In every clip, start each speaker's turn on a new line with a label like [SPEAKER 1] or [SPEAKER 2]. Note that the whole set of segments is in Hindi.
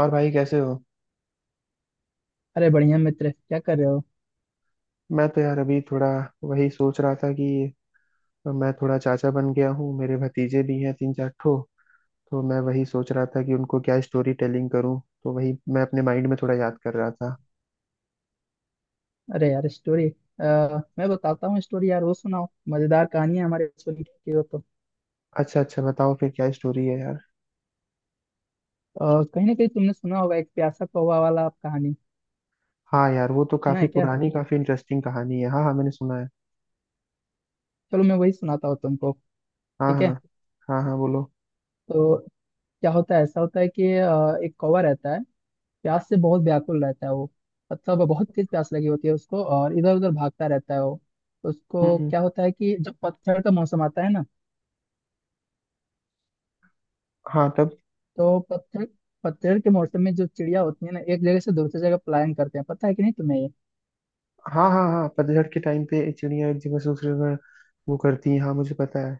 [SPEAKER 1] और भाई कैसे हो?
[SPEAKER 2] अरे बढ़िया मित्र, क्या कर रहे हो।
[SPEAKER 1] मैं तो यार अभी थोड़ा वही सोच रहा था कि मैं थोड़ा चाचा बन गया हूँ। मेरे भतीजे भी हैं तीन चार ठो। तो मैं वही सोच रहा था कि उनको क्या स्टोरी टेलिंग करूँ, तो वही मैं अपने माइंड में थोड़ा याद कर रहा था।
[SPEAKER 2] अरे यार, स्टोरी मैं बताता हूँ। स्टोरी यार वो सुनाओ, मजेदार कहानी है हमारे स्कूल की, हो तो
[SPEAKER 1] अच्छा अच्छा, बताओ फिर क्या स्टोरी है यार?
[SPEAKER 2] कहीं ना कहीं तुमने सुना होगा एक प्यासा कौवा वाला कहानी।
[SPEAKER 1] हाँ यार, वो तो
[SPEAKER 2] सुना
[SPEAKER 1] काफी
[SPEAKER 2] है क्या।
[SPEAKER 1] पुरानी, काफी इंटरेस्टिंग कहानी है। हाँ हाँ मैंने सुना है।
[SPEAKER 2] चलो मैं वही सुनाता हूँ तुमको।
[SPEAKER 1] हाँ
[SPEAKER 2] ठीक
[SPEAKER 1] हाँ।
[SPEAKER 2] है।
[SPEAKER 1] हाँ हाँ बोलो।
[SPEAKER 2] तो क्या होता है, ऐसा होता है कि एक कौवा रहता है। प्यास से बहुत व्याकुल रहता है वो। मतलब बहुत तेज प्यास लगी होती है उसको और इधर उधर भागता रहता है वो।
[SPEAKER 1] हम्म
[SPEAKER 2] उसको
[SPEAKER 1] हम्म,
[SPEAKER 2] क्या होता है कि जब पतझड़ का मौसम आता है ना,
[SPEAKER 1] हाँ तब।
[SPEAKER 2] तो पतझड़ पतझड़ के मौसम में जो चिड़िया होती है ना, एक जगह से दूसरी जगह पलायन करते हैं, पता है कि नहीं तुम्हें ये।
[SPEAKER 1] हाँ हाँ हाँ, पतझड़ के टाइम पे चिड़िया एक जगह से दूसरी जगह वो करती हैं। हाँ मुझे पता है।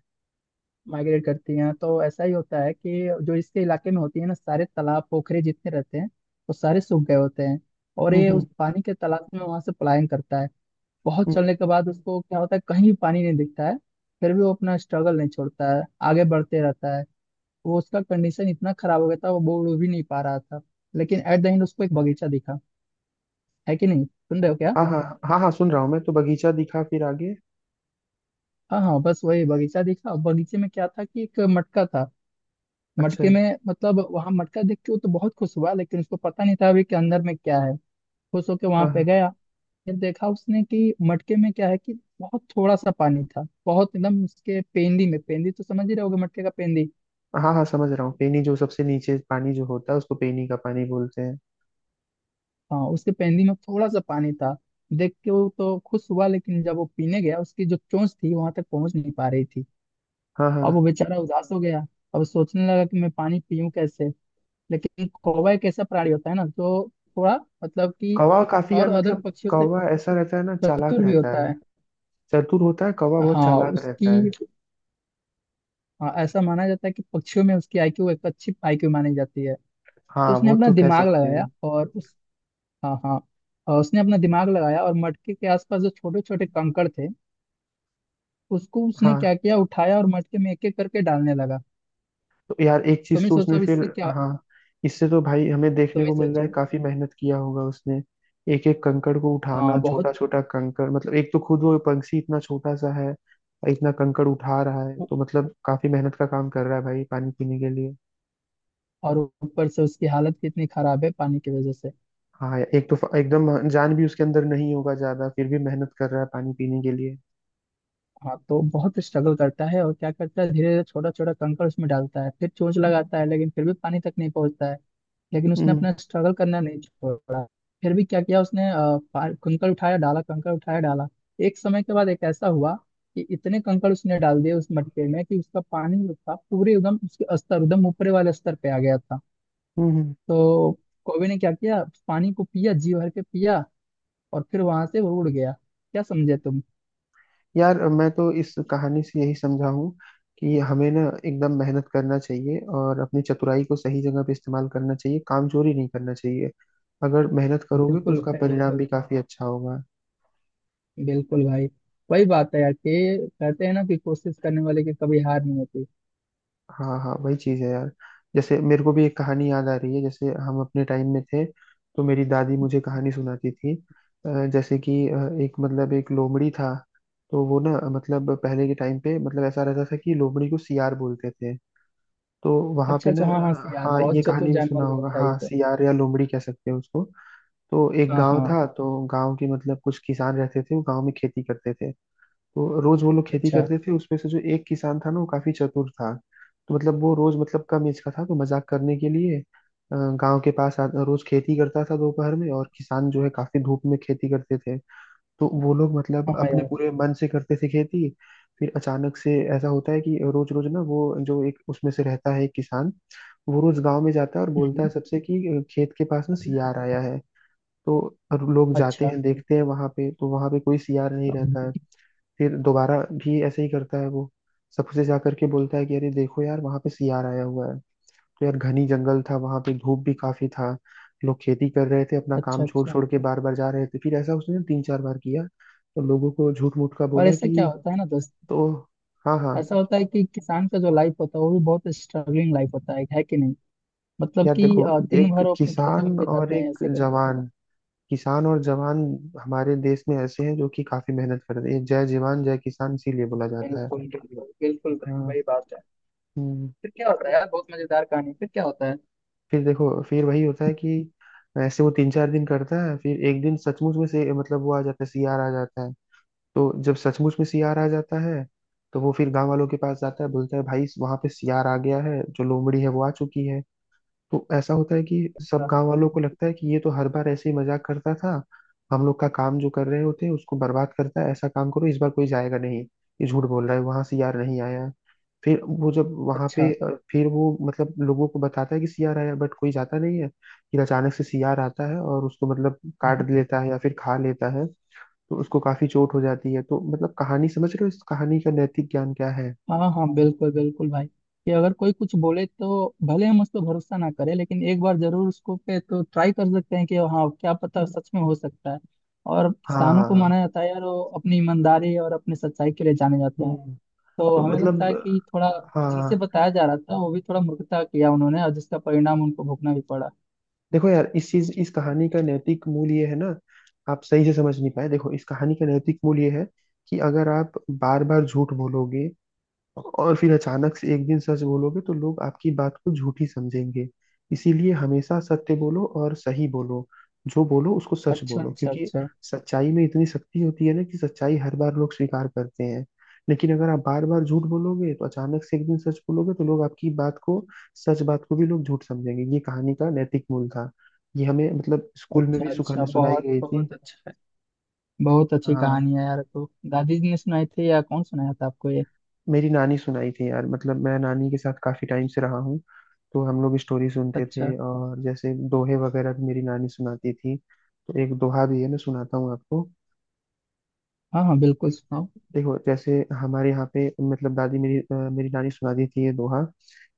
[SPEAKER 2] माइग्रेट करती हैं, तो ऐसा ही होता है कि जो इसके इलाके में होती है ना, सारे तालाब पोखरे जितने रहते हैं वो सारे सूख गए होते हैं। और ये
[SPEAKER 1] हम्म।
[SPEAKER 2] उस पानी के तालाब में वहां से पलायन करता है। बहुत
[SPEAKER 1] हम्म।
[SPEAKER 2] चलने के बाद उसको क्या होता है, कहीं भी पानी नहीं दिखता है। फिर भी वो अपना स्ट्रगल नहीं छोड़ता है, आगे बढ़ते रहता है वो। उसका कंडीशन इतना खराब हो गया था, वो बोल भी नहीं पा रहा था। लेकिन एट द एंड उसको एक बगीचा दिखा। है कि नहीं, सुन रहे हो क्या।
[SPEAKER 1] हाँ हाँ। हाँ हाँ सुन रहा हूँ मैं तो। बगीचा दिखा, फिर आगे?
[SPEAKER 2] हाँ हाँ, बस वही बगीचा देखा। बगीचे में क्या था कि एक मटका था।
[SPEAKER 1] अच्छा।
[SPEAKER 2] मटके में, मतलब वहां मटका देख के वो तो बहुत खुश हुआ, लेकिन उसको पता नहीं था अभी कि अंदर में क्या है। खुश होके वहां
[SPEAKER 1] हाँ
[SPEAKER 2] पे
[SPEAKER 1] हाँ।
[SPEAKER 2] गया। फिर देखा उसने कि मटके में क्या है कि बहुत थोड़ा सा पानी था, बहुत एकदम उसके पेंदी में। पेंदी तो समझ ही रहे होगे, मटके का पेंदी।
[SPEAKER 1] हाँ हाँ समझ रहा हूँ। पेनी जो सबसे नीचे पानी जो होता है उसको पेनी का पानी बोलते हैं।
[SPEAKER 2] हाँ, उसके पेंदी में थोड़ा सा पानी था। देख के वो तो खुश हुआ, लेकिन जब वो पीने गया उसकी जो चोंच थी वहां तक पहुंच नहीं पा रही थी।
[SPEAKER 1] हाँ हाँ।
[SPEAKER 2] अब वो बेचारा उदास हो गया। अब सोचने लगा कि मैं पानी पीऊं कैसे। लेकिन कौवा एक ऐसा प्राणी होता है ना जो थोड़ा, मतलब कि,
[SPEAKER 1] कौवा काफी यार
[SPEAKER 2] और अदर
[SPEAKER 1] मतलब...
[SPEAKER 2] पक्षियों से
[SPEAKER 1] कौवा ऐसा रहता है ना, चालाक
[SPEAKER 2] चतुर भी
[SPEAKER 1] रहता
[SPEAKER 2] होता
[SPEAKER 1] है।
[SPEAKER 2] है।
[SPEAKER 1] चतुर होता है कौवा, बहुत
[SPEAKER 2] हाँ
[SPEAKER 1] चालाक रहता है।
[SPEAKER 2] उसकी, हाँ, ऐसा माना जाता है कि पक्षियों में उसकी आईक्यू, एक अच्छी आईक्यू मानी जाती है। तो
[SPEAKER 1] हाँ
[SPEAKER 2] उसने
[SPEAKER 1] वो
[SPEAKER 2] अपना
[SPEAKER 1] तो कह
[SPEAKER 2] दिमाग
[SPEAKER 1] सकते
[SPEAKER 2] लगाया
[SPEAKER 1] हैं।
[SPEAKER 2] और उस हाँ हाँ, और उसने अपना दिमाग लगाया और मटके के आसपास जो छोटे छोटे कंकड़ थे उसको उसने
[SPEAKER 1] हाँ।
[SPEAKER 2] क्या किया, उठाया और मटके में एक एक करके डालने लगा।
[SPEAKER 1] तो यार एक चीज
[SPEAKER 2] तुम्हें
[SPEAKER 1] तो
[SPEAKER 2] सोचा
[SPEAKER 1] उसने
[SPEAKER 2] अब
[SPEAKER 1] फिर...
[SPEAKER 2] इससे क्या।
[SPEAKER 1] हाँ। इससे तो भाई हमें देखने
[SPEAKER 2] तुम्हें
[SPEAKER 1] को मिल रहा है
[SPEAKER 2] सोचो।
[SPEAKER 1] काफी मेहनत किया होगा उसने। एक एक कंकड़ को
[SPEAKER 2] हाँ
[SPEAKER 1] उठाना, छोटा
[SPEAKER 2] बहुत,
[SPEAKER 1] छोटा कंकड़, मतलब एक तो खुद वो पंछी इतना छोटा सा है और इतना कंकड़ उठा रहा है, तो मतलब काफी मेहनत का काम कर रहा है भाई, पानी पीने के लिए।
[SPEAKER 2] और ऊपर से उसकी हालत कितनी खराब है पानी की वजह से।
[SPEAKER 1] हाँ यार, एक तो एकदम जान भी उसके अंदर नहीं होगा ज्यादा, फिर भी मेहनत कर रहा है पानी पीने के लिए।
[SPEAKER 2] हाँ, तो बहुत स्ट्रगल करता है और क्या करता है, धीरे धीरे छोटा छोटा कंकड़ उसमें डालता है, फिर चोंच लगाता है, लेकिन फिर भी पानी तक नहीं पहुंचता है। लेकिन उसने
[SPEAKER 1] हम्म
[SPEAKER 2] अपना स्ट्रगल करना नहीं छोड़ा। फिर भी क्या किया उसने, कंकड़ उठाया डाला, कंकड़ उठाया डाला। एक समय के बाद एक ऐसा हुआ कि इतने कंकड़ उसने डाल दिए उस मटके में कि उसका पानी जो था पूरे एकदम उसके स्तर, एकदम ऊपरे वाले स्तर पे आ गया था।
[SPEAKER 1] हम्म हम्म।
[SPEAKER 2] तो कौवे ने क्या किया, पानी को पिया, जी भर के पिया, और फिर वहां से वो उड़ गया। क्या समझे तुम।
[SPEAKER 1] यार मैं तो इस कहानी से यही समझा हूँ कि हमें ना एकदम मेहनत करना चाहिए और अपनी चतुराई को सही जगह पे इस्तेमाल करना चाहिए। कामचोरी नहीं करना चाहिए। अगर मेहनत करोगे तो
[SPEAKER 2] बिल्कुल
[SPEAKER 1] उसका
[SPEAKER 2] है
[SPEAKER 1] परिणाम
[SPEAKER 2] बिल्कुल,
[SPEAKER 1] भी काफी अच्छा होगा।
[SPEAKER 2] बिल्कुल भाई। वही बात है यार, कि कहते हैं ना कि कोशिश करने वाले की कभी हार नहीं होती।
[SPEAKER 1] हाँ हाँ वही चीज है यार। जैसे मेरे को भी एक कहानी याद आ रही है, जैसे हम अपने टाइम में थे तो मेरी दादी मुझे कहानी सुनाती थी। जैसे कि एक मतलब एक लोमड़ी था। तो वो ना, मतलब पहले के टाइम पे मतलब ऐसा रहता था कि लोमड़ी को सियार बोलते थे। तो वहां पे
[SPEAKER 2] अच्छा
[SPEAKER 1] ना...
[SPEAKER 2] अच्छा, हाँ हाँ से यार,
[SPEAKER 1] हाँ ये
[SPEAKER 2] बहुत चतुर
[SPEAKER 1] कहानी भी सुना
[SPEAKER 2] जानवर भी
[SPEAKER 1] होगा।
[SPEAKER 2] होता है ये
[SPEAKER 1] हाँ
[SPEAKER 2] तो।
[SPEAKER 1] सियार या लोमड़ी कह सकते हैं उसको। तो एक
[SPEAKER 2] हाँ
[SPEAKER 1] गांव
[SPEAKER 2] हाँ।
[SPEAKER 1] था, तो गांव के मतलब कुछ किसान रहते थे, वो गांव में खेती करते थे। तो रोज वो लोग खेती
[SPEAKER 2] अच्छा।
[SPEAKER 1] करते थे, उसमें से जो एक किसान था ना वो काफी चतुर था। तो मतलब वो रोज, मतलब कम एज का था तो मजाक करने के लिए गांव के पास रोज खेती करता था दोपहर में, और किसान जो है काफी धूप में खेती करते थे। तो वो लोग मतलब
[SPEAKER 2] हाँ हाँ
[SPEAKER 1] अपने
[SPEAKER 2] यार।
[SPEAKER 1] पूरे मन से करते थे खेती। फिर अचानक से ऐसा होता है कि रोज रोज ना वो, जो एक उसमें से रहता है एक किसान, वो रोज गांव में जाता है और बोलता है
[SPEAKER 2] हम्म।
[SPEAKER 1] सबसे कि खेत के पास ना सियार आया है। तो लोग जाते
[SPEAKER 2] अच्छा
[SPEAKER 1] हैं, देखते हैं वहां पे, तो वहां पे कोई सियार नहीं रहता है। फिर दोबारा भी ऐसे ही करता है वो। सबसे जा करके बोलता है कि अरे देखो यार वहां पे सियार आया हुआ है। तो यार घनी जंगल था, वहां पे धूप भी काफी था। लोग खेती कर रहे थे, अपना
[SPEAKER 2] अच्छा
[SPEAKER 1] काम छोड़
[SPEAKER 2] अच्छा।
[SPEAKER 1] छोड़ के बार बार जा रहे थे। फिर ऐसा उसने तीन चार बार किया, तो लोगों को झूठ मूठ का
[SPEAKER 2] और
[SPEAKER 1] बोला
[SPEAKER 2] ऐसा क्या
[SPEAKER 1] कि...
[SPEAKER 2] होता है ना दोस्त,
[SPEAKER 1] तो हाँ हाँ।
[SPEAKER 2] ऐसा होता है कि किसान का जो लाइफ होता है वो भी बहुत स्ट्रगलिंग लाइफ होता है कि नहीं। मतलब
[SPEAKER 1] यार
[SPEAKER 2] कि
[SPEAKER 1] देखो,
[SPEAKER 2] दिन
[SPEAKER 1] एक
[SPEAKER 2] भर वो अपने खेतों में
[SPEAKER 1] किसान और
[SPEAKER 2] बिताते हैं,
[SPEAKER 1] एक
[SPEAKER 2] ऐसे कर।
[SPEAKER 1] जवान। किसान और जवान हमारे देश में ऐसे हैं जो कि काफी मेहनत करते हैं। जय जवान जय किसान इसीलिए बोला जाता है।
[SPEAKER 2] बिल्कुल बिल्कुल, बिल्कुल भाई,
[SPEAKER 1] हाँ।
[SPEAKER 2] वही बात है।
[SPEAKER 1] हम्म।
[SPEAKER 2] फिर क्या होता है यार, बहुत मजेदार कहानी, फिर क्या होता है।
[SPEAKER 1] फिर देखो, फिर वही होता है कि ऐसे वो 3 4 दिन करता है, फिर एक दिन सचमुच में से मतलब वो आ जाता है, सियार आ जाता है। तो जब सचमुच में सियार आ जाता है तो वो फिर गांव वालों के पास जाता है, बोलता है भाई वहां पे सियार आ गया है, जो लोमड़ी है वो आ चुकी है। तो ऐसा होता है कि सब
[SPEAKER 2] अच्छा
[SPEAKER 1] गांव वालों को लगता है कि ये तो हर बार ऐसे ही मजाक करता था। हम लोग का काम जो कर रहे होते हैं उसको बर्बाद करता है, ऐसा काम करो इस बार कोई जाएगा नहीं। ये झूठ बोल रहा है, वहां सियार नहीं आया। फिर वो जब वहां
[SPEAKER 2] अच्छा।
[SPEAKER 1] पे फिर वो मतलब लोगों को बताता है कि सियार आया, बट कोई जाता नहीं है। फिर अचानक से सियार आता है और उसको मतलब काट लेता है या फिर खा लेता है। तो उसको काफी चोट हो जाती है। तो मतलब कहानी समझ रहे हो, इस कहानी का नैतिक ज्ञान क्या है?
[SPEAKER 2] हाँ हाँ बिल्कुल, बिल्कुल भाई। कि अगर कोई कुछ बोले तो भले हम उस पर भरोसा ना करें, लेकिन एक बार जरूर उसको पे तो ट्राई कर सकते हैं कि हाँ, क्या पता सच में हो सकता है। और किसानों को
[SPEAKER 1] हाँ।
[SPEAKER 2] माना जाता है यार, वो अपनी ईमानदारी और अपनी सच्चाई के लिए जाने जाते हैं।
[SPEAKER 1] हम्म।
[SPEAKER 2] तो
[SPEAKER 1] तो
[SPEAKER 2] हमें लगता
[SPEAKER 1] मतलब
[SPEAKER 2] है कि थोड़ा जिनसे
[SPEAKER 1] हाँ।
[SPEAKER 2] बताया जा रहा था वो भी थोड़ा मूर्खता किया उन्होंने, और जिसका परिणाम उनको भुगतना भी पड़ा।
[SPEAKER 1] देखो यार, इस चीज, इस कहानी का नैतिक मूल ये है ना, आप सही से समझ नहीं पाए। देखो इस कहानी का नैतिक मूल ये है कि अगर आप बार बार झूठ बोलोगे और फिर अचानक से एक दिन सच बोलोगे तो लोग आपकी बात को झूठी समझेंगे। इसीलिए हमेशा सत्य बोलो और सही बोलो। जो बोलो उसको सच
[SPEAKER 2] अच्छा
[SPEAKER 1] बोलो,
[SPEAKER 2] अच्छा
[SPEAKER 1] क्योंकि
[SPEAKER 2] अच्छा।
[SPEAKER 1] सच्चाई में इतनी शक्ति होती है ना कि सच्चाई हर बार लोग स्वीकार करते हैं। लेकिन अगर आप बार बार झूठ बोलोगे तो अचानक से एक दिन सच बोलोगे तो लोग आपकी बात को, सच बात को भी लोग झूठ समझेंगे। ये कहानी का नैतिक मूल था। ये हमें मतलब स्कूल में
[SPEAKER 2] अच्छा
[SPEAKER 1] भी
[SPEAKER 2] अच्छा,
[SPEAKER 1] सुखाने सुनाई
[SPEAKER 2] बहुत
[SPEAKER 1] गई थी।
[SPEAKER 2] बहुत अच्छा है। बहुत अच्छी
[SPEAKER 1] हाँ।
[SPEAKER 2] कहानी है यार, तो दादी जी ने सुनाई थी या कौन सुनाया था आपको ये।
[SPEAKER 1] मेरी नानी सुनाई थी यार, मतलब मैं नानी के साथ काफी टाइम से रहा हूँ। तो हम लोग स्टोरी सुनते
[SPEAKER 2] अच्छा,
[SPEAKER 1] थे, और जैसे दोहे वगैरह भी मेरी नानी सुनाती थी। तो एक दोहा भी है, मैं सुनाता हूँ आपको।
[SPEAKER 2] हाँ हाँ बिल्कुल, सुनाओ।
[SPEAKER 1] देखो जैसे हमारे यहाँ पे मतलब दादी मेरी, मेरी नानी सुनाती थी ये दोहा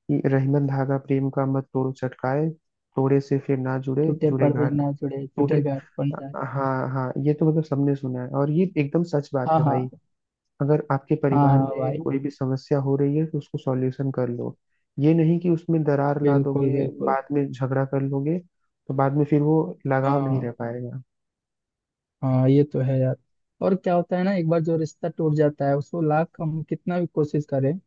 [SPEAKER 1] कि रहीमन धागा प्रेम का मत तोड़ो चटकाए, तोड़े से फिर ना जुड़े,
[SPEAKER 2] टूटे
[SPEAKER 1] जुड़े
[SPEAKER 2] पर भी
[SPEAKER 1] घाट
[SPEAKER 2] ना जुड़े,
[SPEAKER 1] टूटे।
[SPEAKER 2] टूटे गांठ बन जाए।
[SPEAKER 1] हाँ हाँ, ये तो मतलब सबने सुना है, और ये एकदम सच बात
[SPEAKER 2] हाँ
[SPEAKER 1] है
[SPEAKER 2] हाँ।
[SPEAKER 1] भाई। अगर आपके
[SPEAKER 2] हाँ
[SPEAKER 1] परिवार
[SPEAKER 2] हाँ
[SPEAKER 1] में
[SPEAKER 2] भाई।
[SPEAKER 1] कोई भी समस्या हो रही है तो उसको सॉल्यूशन कर लो। ये नहीं कि उसमें दरार ला
[SPEAKER 2] बिल्कुल
[SPEAKER 1] दोगे,
[SPEAKER 2] बिल्कुल।
[SPEAKER 1] बाद में झगड़ा कर लोगे, तो बाद में फिर वो लगाव नहीं
[SPEAKER 2] हाँ,
[SPEAKER 1] रह पाएगा।
[SPEAKER 2] हाँ ये तो है यार। और क्या होता है ना, एक बार जो रिश्ता टूट जाता है उसको लाख हम कितना भी कोशिश करें,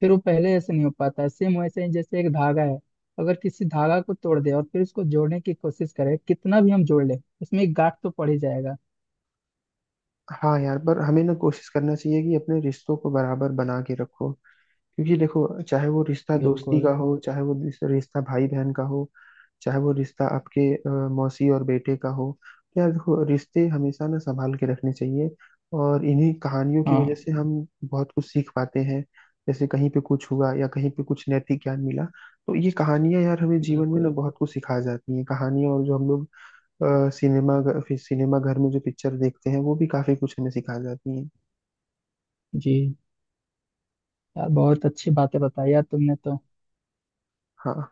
[SPEAKER 2] फिर वो पहले ऐसे नहीं हो पाता है, सेम वैसे ही जैसे एक धागा है। अगर किसी धागा को तोड़ दे और फिर उसको जोड़ने की कोशिश करे, कितना भी हम जोड़ ले, उसमें एक गांठ तो पड़ ही जाएगा।
[SPEAKER 1] हाँ यार, पर हमें ना कोशिश करना चाहिए कि अपने रिश्तों को बराबर बना के रखो। क्योंकि देखो, चाहे वो रिश्ता दोस्ती का
[SPEAKER 2] बिल्कुल।
[SPEAKER 1] हो, चाहे वो रिश्ता भाई बहन का हो, चाहे वो रिश्ता आपके मौसी और बेटे का हो, तो यार देखो रिश्ते हमेशा ना संभाल के रखने चाहिए। और इन्हीं कहानियों की
[SPEAKER 2] हाँ।
[SPEAKER 1] वजह से हम बहुत कुछ सीख पाते हैं। जैसे कहीं पे कुछ हुआ या कहीं पे कुछ नैतिक ज्ञान मिला, तो ये कहानियां यार हमें जीवन में ना
[SPEAKER 2] बिल्कुल।
[SPEAKER 1] बहुत कुछ सिखा जाती हैं कहानियां। और जो हम लोग फिर सिनेमा घर में जो पिक्चर देखते हैं वो भी काफी कुछ हमें सिखा जाती हैं।
[SPEAKER 2] जी। यार बहुत अच्छी बातें बताई यार तुमने तो।
[SPEAKER 1] हाँ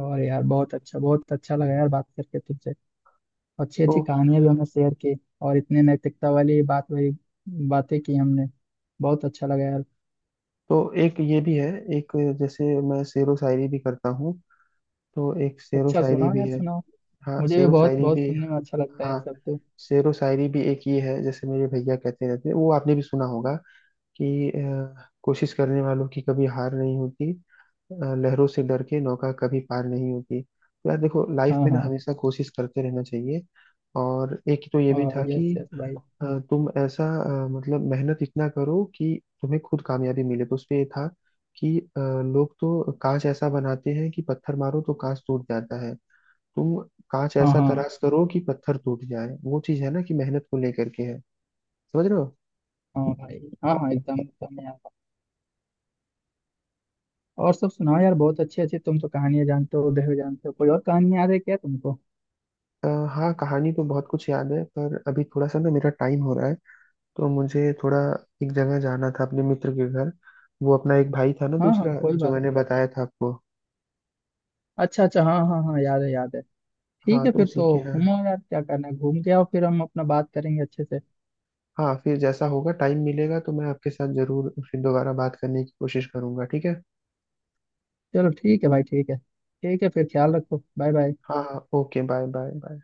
[SPEAKER 2] और यार बहुत अच्छा, बहुत अच्छा लगा यार बात करके तुमसे। अच्छी
[SPEAKER 1] तो...
[SPEAKER 2] अच्छी कहानियां भी हमने शेयर की, और इतने नैतिकता वाली बात वाली बातें की हमने। बहुत अच्छा लगा यार।
[SPEAKER 1] तो एक ये भी है। एक जैसे मैं शेरो शायरी भी करता हूँ, तो एक शेरो
[SPEAKER 2] अच्छा
[SPEAKER 1] शायरी
[SPEAKER 2] सुनाओ
[SPEAKER 1] भी
[SPEAKER 2] यार,
[SPEAKER 1] है।
[SPEAKER 2] सुनाओ।
[SPEAKER 1] हाँ
[SPEAKER 2] मुझे भी
[SPEAKER 1] शेरो
[SPEAKER 2] बहुत
[SPEAKER 1] शायरी
[SPEAKER 2] बहुत
[SPEAKER 1] भी।
[SPEAKER 2] सुनने में अच्छा लगता है ये
[SPEAKER 1] हाँ
[SPEAKER 2] सब तो।
[SPEAKER 1] शेरो शायरी भी एक ये है, जैसे मेरे भैया कहते रहते हैं, वो आपने भी सुना होगा कि कोशिश करने वालों की कभी हार नहीं होती, लहरों से डर के नौका कभी पार नहीं होती। तो यार देखो, लाइफ
[SPEAKER 2] हाँ
[SPEAKER 1] में ना
[SPEAKER 2] हाँ।
[SPEAKER 1] हमेशा कोशिश करते रहना चाहिए। और एक तो ये भी
[SPEAKER 2] और
[SPEAKER 1] था
[SPEAKER 2] यस
[SPEAKER 1] कि
[SPEAKER 2] यस भाई।
[SPEAKER 1] तुम ऐसा, मतलब मेहनत इतना करो कि तुम्हें खुद कामयाबी मिले, तो उसपे ये था कि लोग तो कांच ऐसा बनाते हैं कि पत्थर मारो तो कांच टूट जाता है, तुम कांच
[SPEAKER 2] हाँ
[SPEAKER 1] ऐसा
[SPEAKER 2] हाँ
[SPEAKER 1] तराश करो कि पत्थर टूट जाए। वो चीज है ना कि मेहनत को लेकर के है। समझ रहे हो?
[SPEAKER 2] हाँ भाई। हाँ हाँ, एकदम एकदम यार। और सब सुनाओ यार, बहुत अच्छे अच्छे तुम तो कहानियां जानते हो उदय, जानते हो कोई और कहानी याद है क्या तुमको।
[SPEAKER 1] अ, हाँ कहानी तो बहुत कुछ याद है, पर अभी थोड़ा सा ना मेरा टाइम हो रहा है। तो मुझे थोड़ा एक जगह जाना था अपने मित्र के घर। वो अपना एक भाई था ना
[SPEAKER 2] हाँ हाँ,
[SPEAKER 1] दूसरा,
[SPEAKER 2] कोई
[SPEAKER 1] जो
[SPEAKER 2] बात
[SPEAKER 1] मैंने
[SPEAKER 2] नहीं।
[SPEAKER 1] बताया था आपको।
[SPEAKER 2] अच्छा अच्छा, हाँ हाँ हाँ, याद है याद है। ठीक
[SPEAKER 1] हाँ
[SPEAKER 2] है
[SPEAKER 1] तो
[SPEAKER 2] फिर
[SPEAKER 1] उसी
[SPEAKER 2] तो।
[SPEAKER 1] के यहाँ...
[SPEAKER 2] घूमो यार, क्या करना है, घूम के आओ फिर हम अपना बात करेंगे अच्छे से।
[SPEAKER 1] हाँ फिर जैसा होगा, टाइम मिलेगा तो मैं आपके साथ जरूर फिर दोबारा बात करने की कोशिश करूंगा, ठीक है?
[SPEAKER 2] चलो ठीक है भाई, ठीक है। ठीक है फिर, ख्याल रखो, बाय बाय।
[SPEAKER 1] हाँ हाँ ओके, बाय बाय बाय।